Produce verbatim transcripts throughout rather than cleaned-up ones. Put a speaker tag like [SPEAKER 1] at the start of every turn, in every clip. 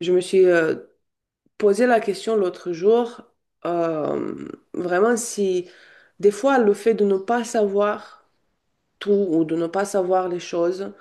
[SPEAKER 1] Je me suis euh, posé la question l'autre jour, euh, vraiment si des fois le fait de ne pas savoir tout ou de ne pas savoir les choses,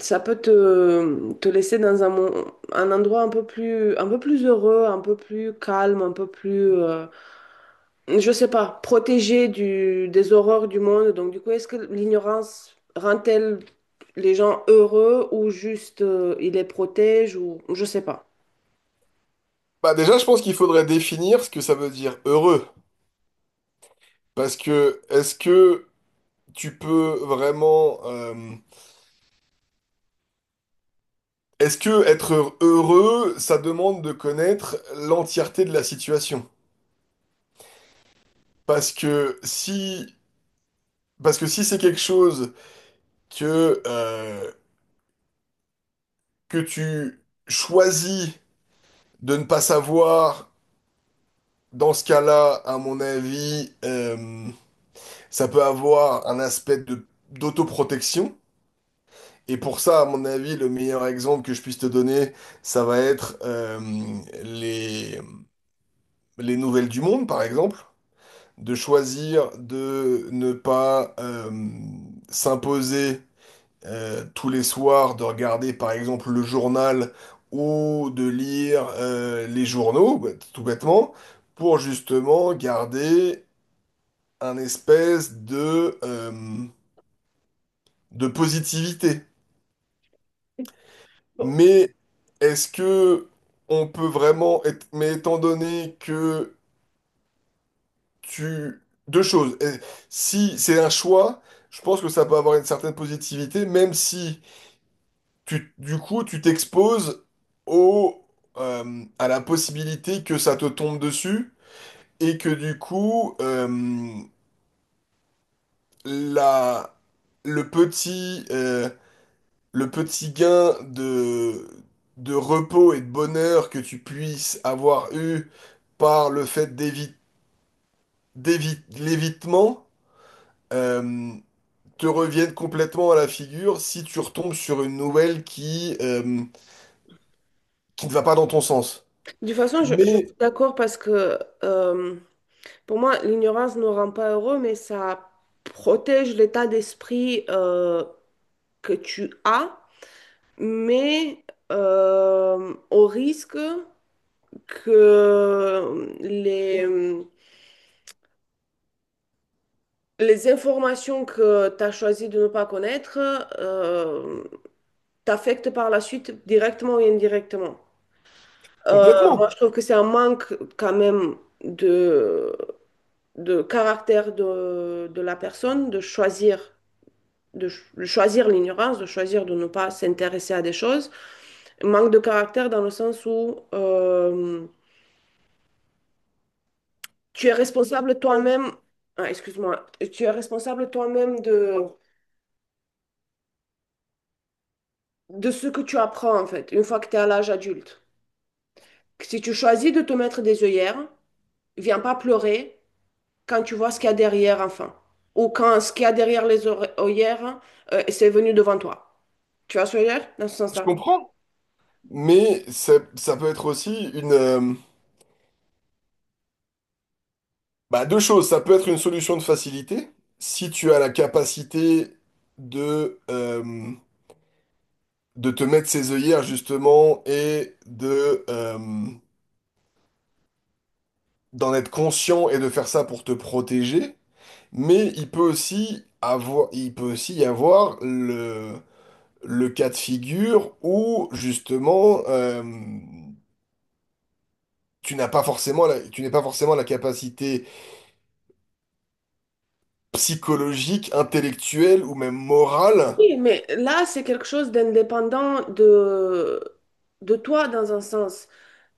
[SPEAKER 1] ça peut te, te laisser dans un, mon- un endroit un peu plus, un peu plus heureux, un peu plus calme, un peu plus, euh, je sais pas, protégé du, des horreurs du monde. Donc du coup, est-ce que l'ignorance rend-elle les gens heureux ou juste euh, il les protège, ou je sais pas.
[SPEAKER 2] Bah déjà, je pense qu'il faudrait définir ce que ça veut dire heureux. Parce que est-ce que tu peux vraiment... euh, est-ce que être heureux, ça demande de connaître l'entièreté de la situation? Parce que si, parce que si c'est quelque chose que, euh, que tu choisis de ne pas savoir, dans ce cas-là, à mon avis, euh, ça peut avoir un aspect de, d'autoprotection. Et pour ça, à mon avis, le meilleur exemple que je puisse te donner, ça va être euh, les, les nouvelles du monde, par exemple, de choisir de ne pas euh, s'imposer euh, tous les soirs, de regarder, par exemple, le journal ou de lire euh, les journaux, bah, tout bêtement, pour justement garder un espèce de, euh, de positivité. Mais est-ce que on peut vraiment être... Mais étant donné que tu... Deux choses. Eh, Si c'est un choix, je pense que ça peut avoir une certaine positivité, même si tu, du coup, tu t'exposes au, euh, à la possibilité que ça te tombe dessus et que du coup, euh, la, le petit, euh, le petit gain de, de repos et de bonheur que tu puisses avoir eu par le fait d'évi- d'évi- l'évitement euh, te reviennent complètement à la figure si tu retombes sur une nouvelle qui, euh, qui ne va pas dans ton sens.
[SPEAKER 1] De toute façon, je, je
[SPEAKER 2] Mais
[SPEAKER 1] suis d'accord parce que euh, pour moi, l'ignorance ne rend pas heureux, mais ça protège l'état d'esprit euh, que tu as, mais euh, au risque que les, les informations que tu as choisi de ne pas connaître euh, t'affectent par la suite, directement ou indirectement. Euh, moi,
[SPEAKER 2] complètement,
[SPEAKER 1] je trouve que c'est un manque quand même de caractère de, de la personne, de choisir, de, ch- de choisir l'ignorance, de choisir de ne pas s'intéresser à des choses. Manque de caractère dans le sens où euh, tu es responsable toi-même, ah, excuse-moi, tu es responsable toi-même de, de ce que tu apprends, en fait, une fois que tu es à l'âge adulte. Si tu choisis de te mettre des œillères, viens pas pleurer quand tu vois ce qu'il y a derrière, enfin, ou quand ce qu'il y a derrière les oreilles- œillères, euh, c'est venu devant toi. Tu vois ce que je veux dire? Dans ce
[SPEAKER 2] je
[SPEAKER 1] sens-là.
[SPEAKER 2] comprends. Mais ça, ça peut être aussi une... euh, bah, deux choses. Ça peut être une solution de facilité si tu as la capacité de... euh, de te mettre ses œillères justement et de euh, d'en être conscient et de faire ça pour te protéger. Mais il peut aussi avoir, il peut aussi y avoir le, le cas de figure où justement euh, tu n'as pas forcément la- tu n'es pas forcément la capacité psychologique, intellectuelle ou même morale.
[SPEAKER 1] Oui, mais là, c'est quelque chose d'indépendant de, de toi, dans un sens.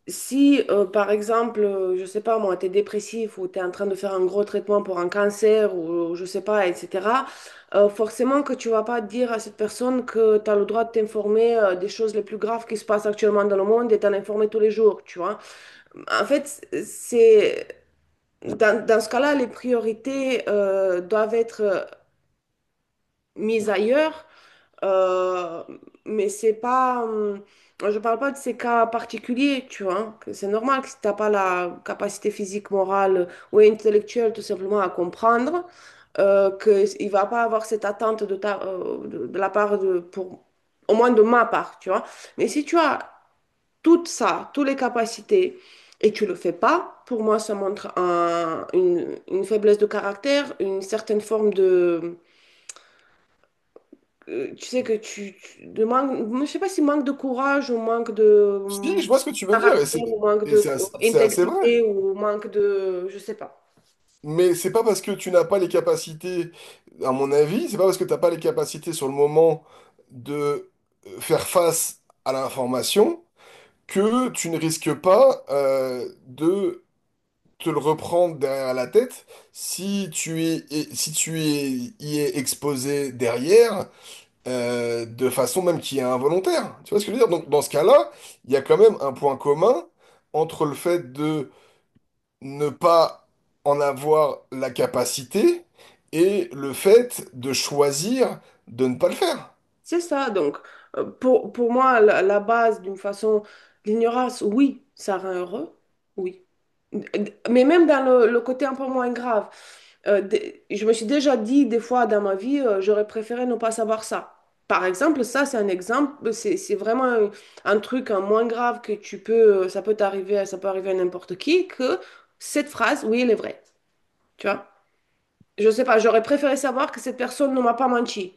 [SPEAKER 1] Si, euh, par exemple, euh, je sais pas moi, t'es dépressif ou t'es en train de faire un gros traitement pour un cancer ou je sais pas, et cetera, euh, forcément que tu vas pas dire à cette personne que tu as le droit de t'informer euh, des choses les plus graves qui se passent actuellement dans le monde et t'en informer tous les jours, tu vois. En fait, c'est dans, dans ce cas-là, les priorités euh, doivent être euh, mises ailleurs, euh, mais c'est pas. Hum, je parle pas de ces cas particuliers, tu vois, hein. que C'est normal que si t'as pas la capacité physique, morale ou intellectuelle tout simplement à comprendre, euh, que il va pas avoir cette attente de ta, euh, de, de la part de, pour, au moins de ma part, tu vois. Mais si tu as tout ça, toutes les capacités, et tu le fais pas, pour moi, ça montre un- une, une faiblesse de caractère, une certaine forme de euh, tu sais que tu, tu- de manque, je sais pas si manque de courage ou manque de
[SPEAKER 2] Si,
[SPEAKER 1] euh,
[SPEAKER 2] je vois ce que tu veux dire et
[SPEAKER 1] caractère
[SPEAKER 2] c'est
[SPEAKER 1] ou manque de
[SPEAKER 2] et c'est
[SPEAKER 1] euh,
[SPEAKER 2] assez, c'est assez vrai.
[SPEAKER 1] intégrité ou manque de, je sais pas.
[SPEAKER 2] Mais c'est pas parce que tu n'as pas les capacités, à mon avis, c'est pas parce que tu n'as pas les capacités sur le moment de euh, faire face à l'information que tu ne risques pas euh, de te le reprendre derrière la tête si tu y es, si tu y es, y es exposé derrière, euh, de façon même qui est involontaire. Tu vois ce que je veux dire? Donc dans ce cas-là, il y a quand même un point commun entre le fait de ne pas en avoir la capacité et le fait de choisir de ne pas le faire.
[SPEAKER 1] C'est ça. Donc euh, pour, pour moi, la, la base, d'une façon, l'ignorance, oui, ça rend heureux, oui. Mais même dans le, le côté un peu moins grave, euh, des- je me suis déjà dit des fois dans ma vie, euh, j'aurais préféré ne pas savoir ça. Par exemple, ça, c'est un exemple, c'est c'est vraiment un, un truc, hein, moins grave, que tu peux, euh, ça peut t'arriver, ça peut arriver à n'importe qui, que cette phrase, oui, elle est vraie. Tu vois? Je sais pas, j'aurais préféré savoir que cette personne ne m'a pas menti.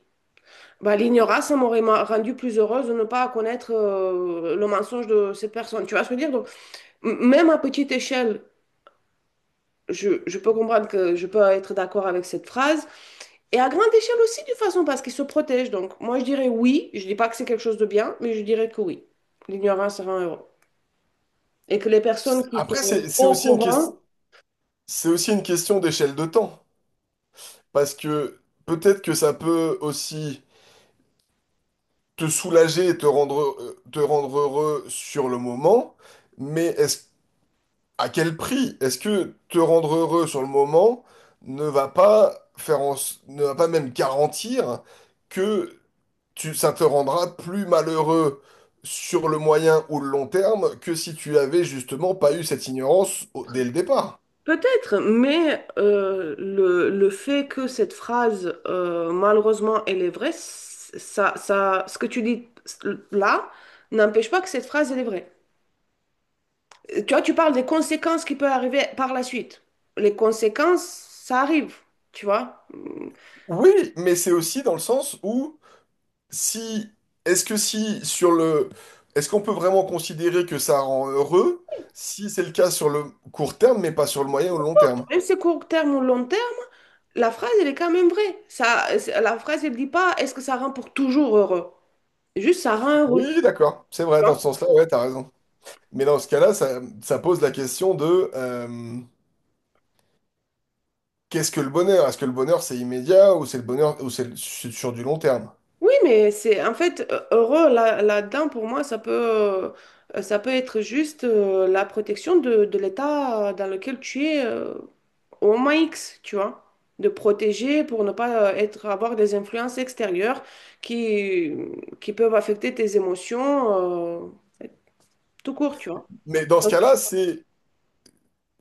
[SPEAKER 1] Bah, l'ignorance, ça m'aurait ma- rendu plus heureuse de ne pas connaître euh, le mensonge de cette personne. Tu vois ce que je veux dire? Donc, m- même à petite échelle, je, je peux comprendre, que je peux être d'accord avec cette phrase. Et à grande échelle aussi, de toute façon, parce qu'ils se protègent. Donc, moi, je dirais oui. Je dis pas que c'est quelque chose de bien, mais je dirais que oui. L'ignorance rend heureux. Et que les personnes qui sont
[SPEAKER 2] Après, c'est c'est
[SPEAKER 1] au
[SPEAKER 2] aussi une ques-
[SPEAKER 1] courant.
[SPEAKER 2] c'est aussi une question d'échelle de temps. Parce que peut-être que ça peut aussi te soulager et te rendre, euh, te rendre heureux sur le moment, mais est-ce, à quel prix? Est-ce que te rendre heureux sur le moment ne va pas faire en s- ne va pas même garantir que tu, ça te rendra plus malheureux sur le moyen ou le long terme que si tu avais justement pas eu cette ignorance au- dès le départ?
[SPEAKER 1] Peut-être, mais euh, le, le fait que cette phrase, euh, malheureusement, elle est vraie, c- ça, ça, ce que tu dis là n'empêche pas que cette phrase, elle est vraie. Tu vois, tu parles des conséquences qui peuvent arriver par la suite. Les conséquences, ça arrive, tu vois.
[SPEAKER 2] Oui, mais c'est aussi dans le sens où Si, est-ce que si sur le, est-ce qu'on peut vraiment considérer que ça rend heureux si c'est le cas sur le court terme, mais pas sur le moyen ou le long terme?
[SPEAKER 1] Même si c'est court terme ou long terme, la phrase, elle est quand même vraie. Ça, la phrase, elle dit pas est-ce que ça rend pour toujours heureux? Juste, ça rend heureux.
[SPEAKER 2] Oui, d'accord, c'est vrai, dans ce sens-là, ouais, t'as raison. Mais dans ce cas-là, ça, ça pose la question de euh, qu'est-ce que le bonheur? Est-ce que le bonheur c'est immédiat ou c'est le bonheur ou c'est c'est sur du long terme?
[SPEAKER 1] Oui, mais c'est, en fait, euh, heureux là, là-dedans, pour moi ça peut euh, ça peut être juste euh, la protection de, de l'état euh, dans lequel tu es, euh, au moment X, tu vois, de protéger pour ne pas euh, être, avoir des influences extérieures qui qui peuvent affecter tes émotions, euh, tout court, tu vois.
[SPEAKER 2] Mais dans ce
[SPEAKER 1] Donc,
[SPEAKER 2] cas-là, c'est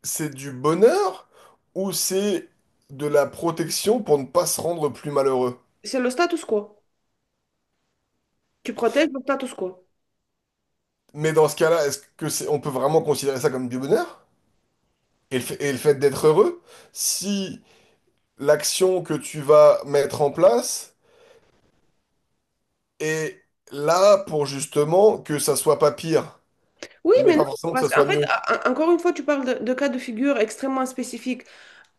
[SPEAKER 2] c'est du bonheur ou c'est de la protection pour ne pas se rendre plus malheureux?
[SPEAKER 1] c'est le status quo. Tu protèges le status quo.
[SPEAKER 2] Mais dans ce cas-là, est-ce que c'est, on peut vraiment considérer ça comme du bonheur? Et le fait, et le fait d'être heureux, si l'action que tu vas mettre en place est là pour justement que ça soit pas pire,
[SPEAKER 1] Oui,
[SPEAKER 2] mais
[SPEAKER 1] mais non,
[SPEAKER 2] pas forcément que
[SPEAKER 1] parce
[SPEAKER 2] ça
[SPEAKER 1] qu'en
[SPEAKER 2] soit
[SPEAKER 1] fait,
[SPEAKER 2] mieux.
[SPEAKER 1] en- encore une fois, tu parles de, de cas de figure extrêmement spécifiques.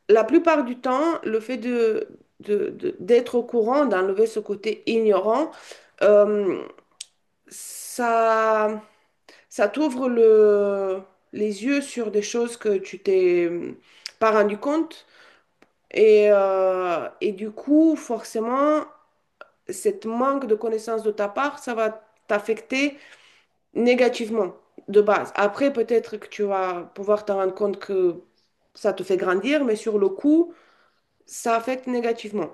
[SPEAKER 1] La plupart du temps, le fait de, de- de- d'être au courant, d'enlever ce côté ignorant, euh, ça, ça t'ouvre le, les yeux sur des choses que tu t'es euh, pas rendu compte. Et, euh, et du coup, forcément, cette manque de connaissance de ta part, ça va t'affecter négativement, de base. Après, peut-être que tu vas pouvoir te rendre compte que ça te fait grandir, mais sur le coup, ça affecte négativement.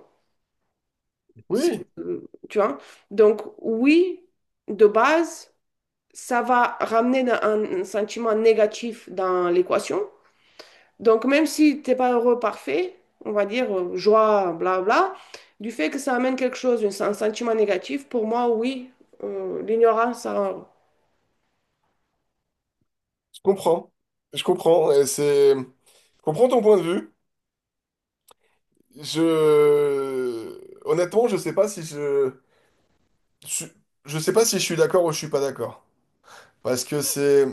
[SPEAKER 2] Oui,
[SPEAKER 1] C'est- euh, Tu vois? Donc, oui, de base, ça va ramener un, un sentiment négatif dans l'équation. Donc, même si t'es pas heureux, parfait, on va dire euh, joie, bla bla, du fait que ça amène quelque chose, un, sen- sentiment négatif, pour moi, oui, euh, l'ignorance, ça rend heureux.
[SPEAKER 2] je comprends. Je comprends. Et c'est... Je comprends ton point de vue. Je... Honnêtement, je sais pas si je... Je je sais pas si je suis d'accord ou je suis pas d'accord. Parce que c'est...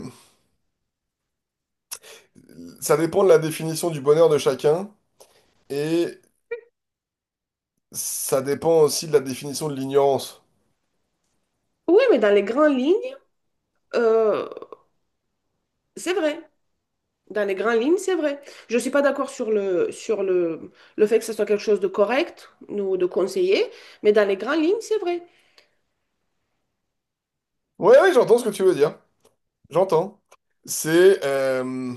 [SPEAKER 2] Ça dépend de la définition du bonheur de chacun et ça dépend aussi de la définition de l'ignorance.
[SPEAKER 1] Oui, mais dans les grandes lignes, euh, c'est vrai. Dans les grandes lignes, c'est vrai. Je ne suis pas d'accord sur le, sur le, le fait que ce soit quelque chose de correct ou de conseillé, mais dans les grandes lignes, c'est vrai.
[SPEAKER 2] Ouais, ouais, j'entends ce que tu veux dire. J'entends. C'est euh,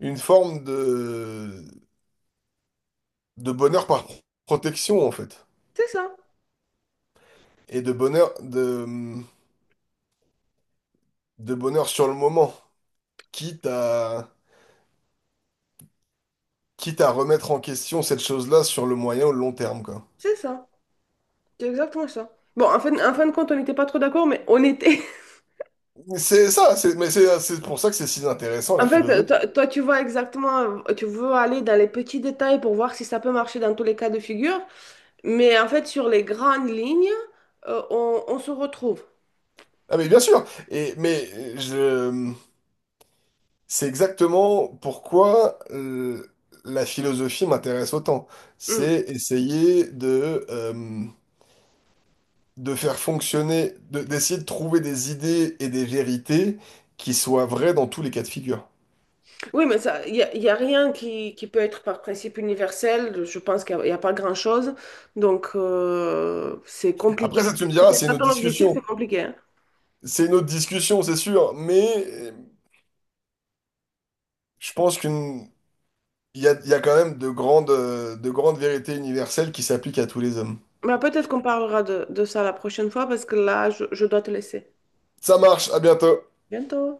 [SPEAKER 2] une forme de, de bonheur par protection, en fait.
[SPEAKER 1] C'est ça,
[SPEAKER 2] Et de bonheur, de, de bonheur sur le moment, quitte à, quitte à remettre en question cette chose-là sur le moyen ou le long terme, quoi.
[SPEAKER 1] c'est ça, c'est exactement ça. Bon, en fait, en fin de compte, on n'était pas trop d'accord, mais on était.
[SPEAKER 2] C'est ça, c'est, mais c'est c'est pour ça que c'est si intéressant, la
[SPEAKER 1] En fait,
[SPEAKER 2] philosophie.
[SPEAKER 1] toi, toi, tu vois exactement, tu veux aller dans les petits détails pour voir si ça peut marcher dans tous les cas de figure, mais en fait, sur les grandes lignes, euh, on, on se retrouve.
[SPEAKER 2] Ah, mais bien sûr! Et, mais je, c'est exactement pourquoi euh, la philosophie m'intéresse autant.
[SPEAKER 1] Mm.
[SPEAKER 2] C'est essayer de... euh, de faire fonctionner, de- d'essayer de trouver des idées et des vérités qui soient vraies dans tous les cas de figure.
[SPEAKER 1] Oui, mais ça, il n'y a, y a rien qui, qui peut être par principe universel. Je pense qu'il n'y a, y a pas grand-chose, donc euh, c'est compliqué.
[SPEAKER 2] Après, ça, tu me
[SPEAKER 1] Si
[SPEAKER 2] diras,
[SPEAKER 1] c'est
[SPEAKER 2] c'est
[SPEAKER 1] ça
[SPEAKER 2] une autre
[SPEAKER 1] ton objectif, c'est
[SPEAKER 2] discussion.
[SPEAKER 1] compliqué, hein.
[SPEAKER 2] C'est une autre discussion, c'est sûr, mais euh, je pense qu'une, il y a, il y a quand même de grandes, euh, de grandes vérités universelles qui s'appliquent à tous les hommes.
[SPEAKER 1] Mais peut-être qu'on parlera de, de ça la prochaine fois, parce que là, je je dois te laisser.
[SPEAKER 2] Ça marche, à bientôt.
[SPEAKER 1] Bientôt.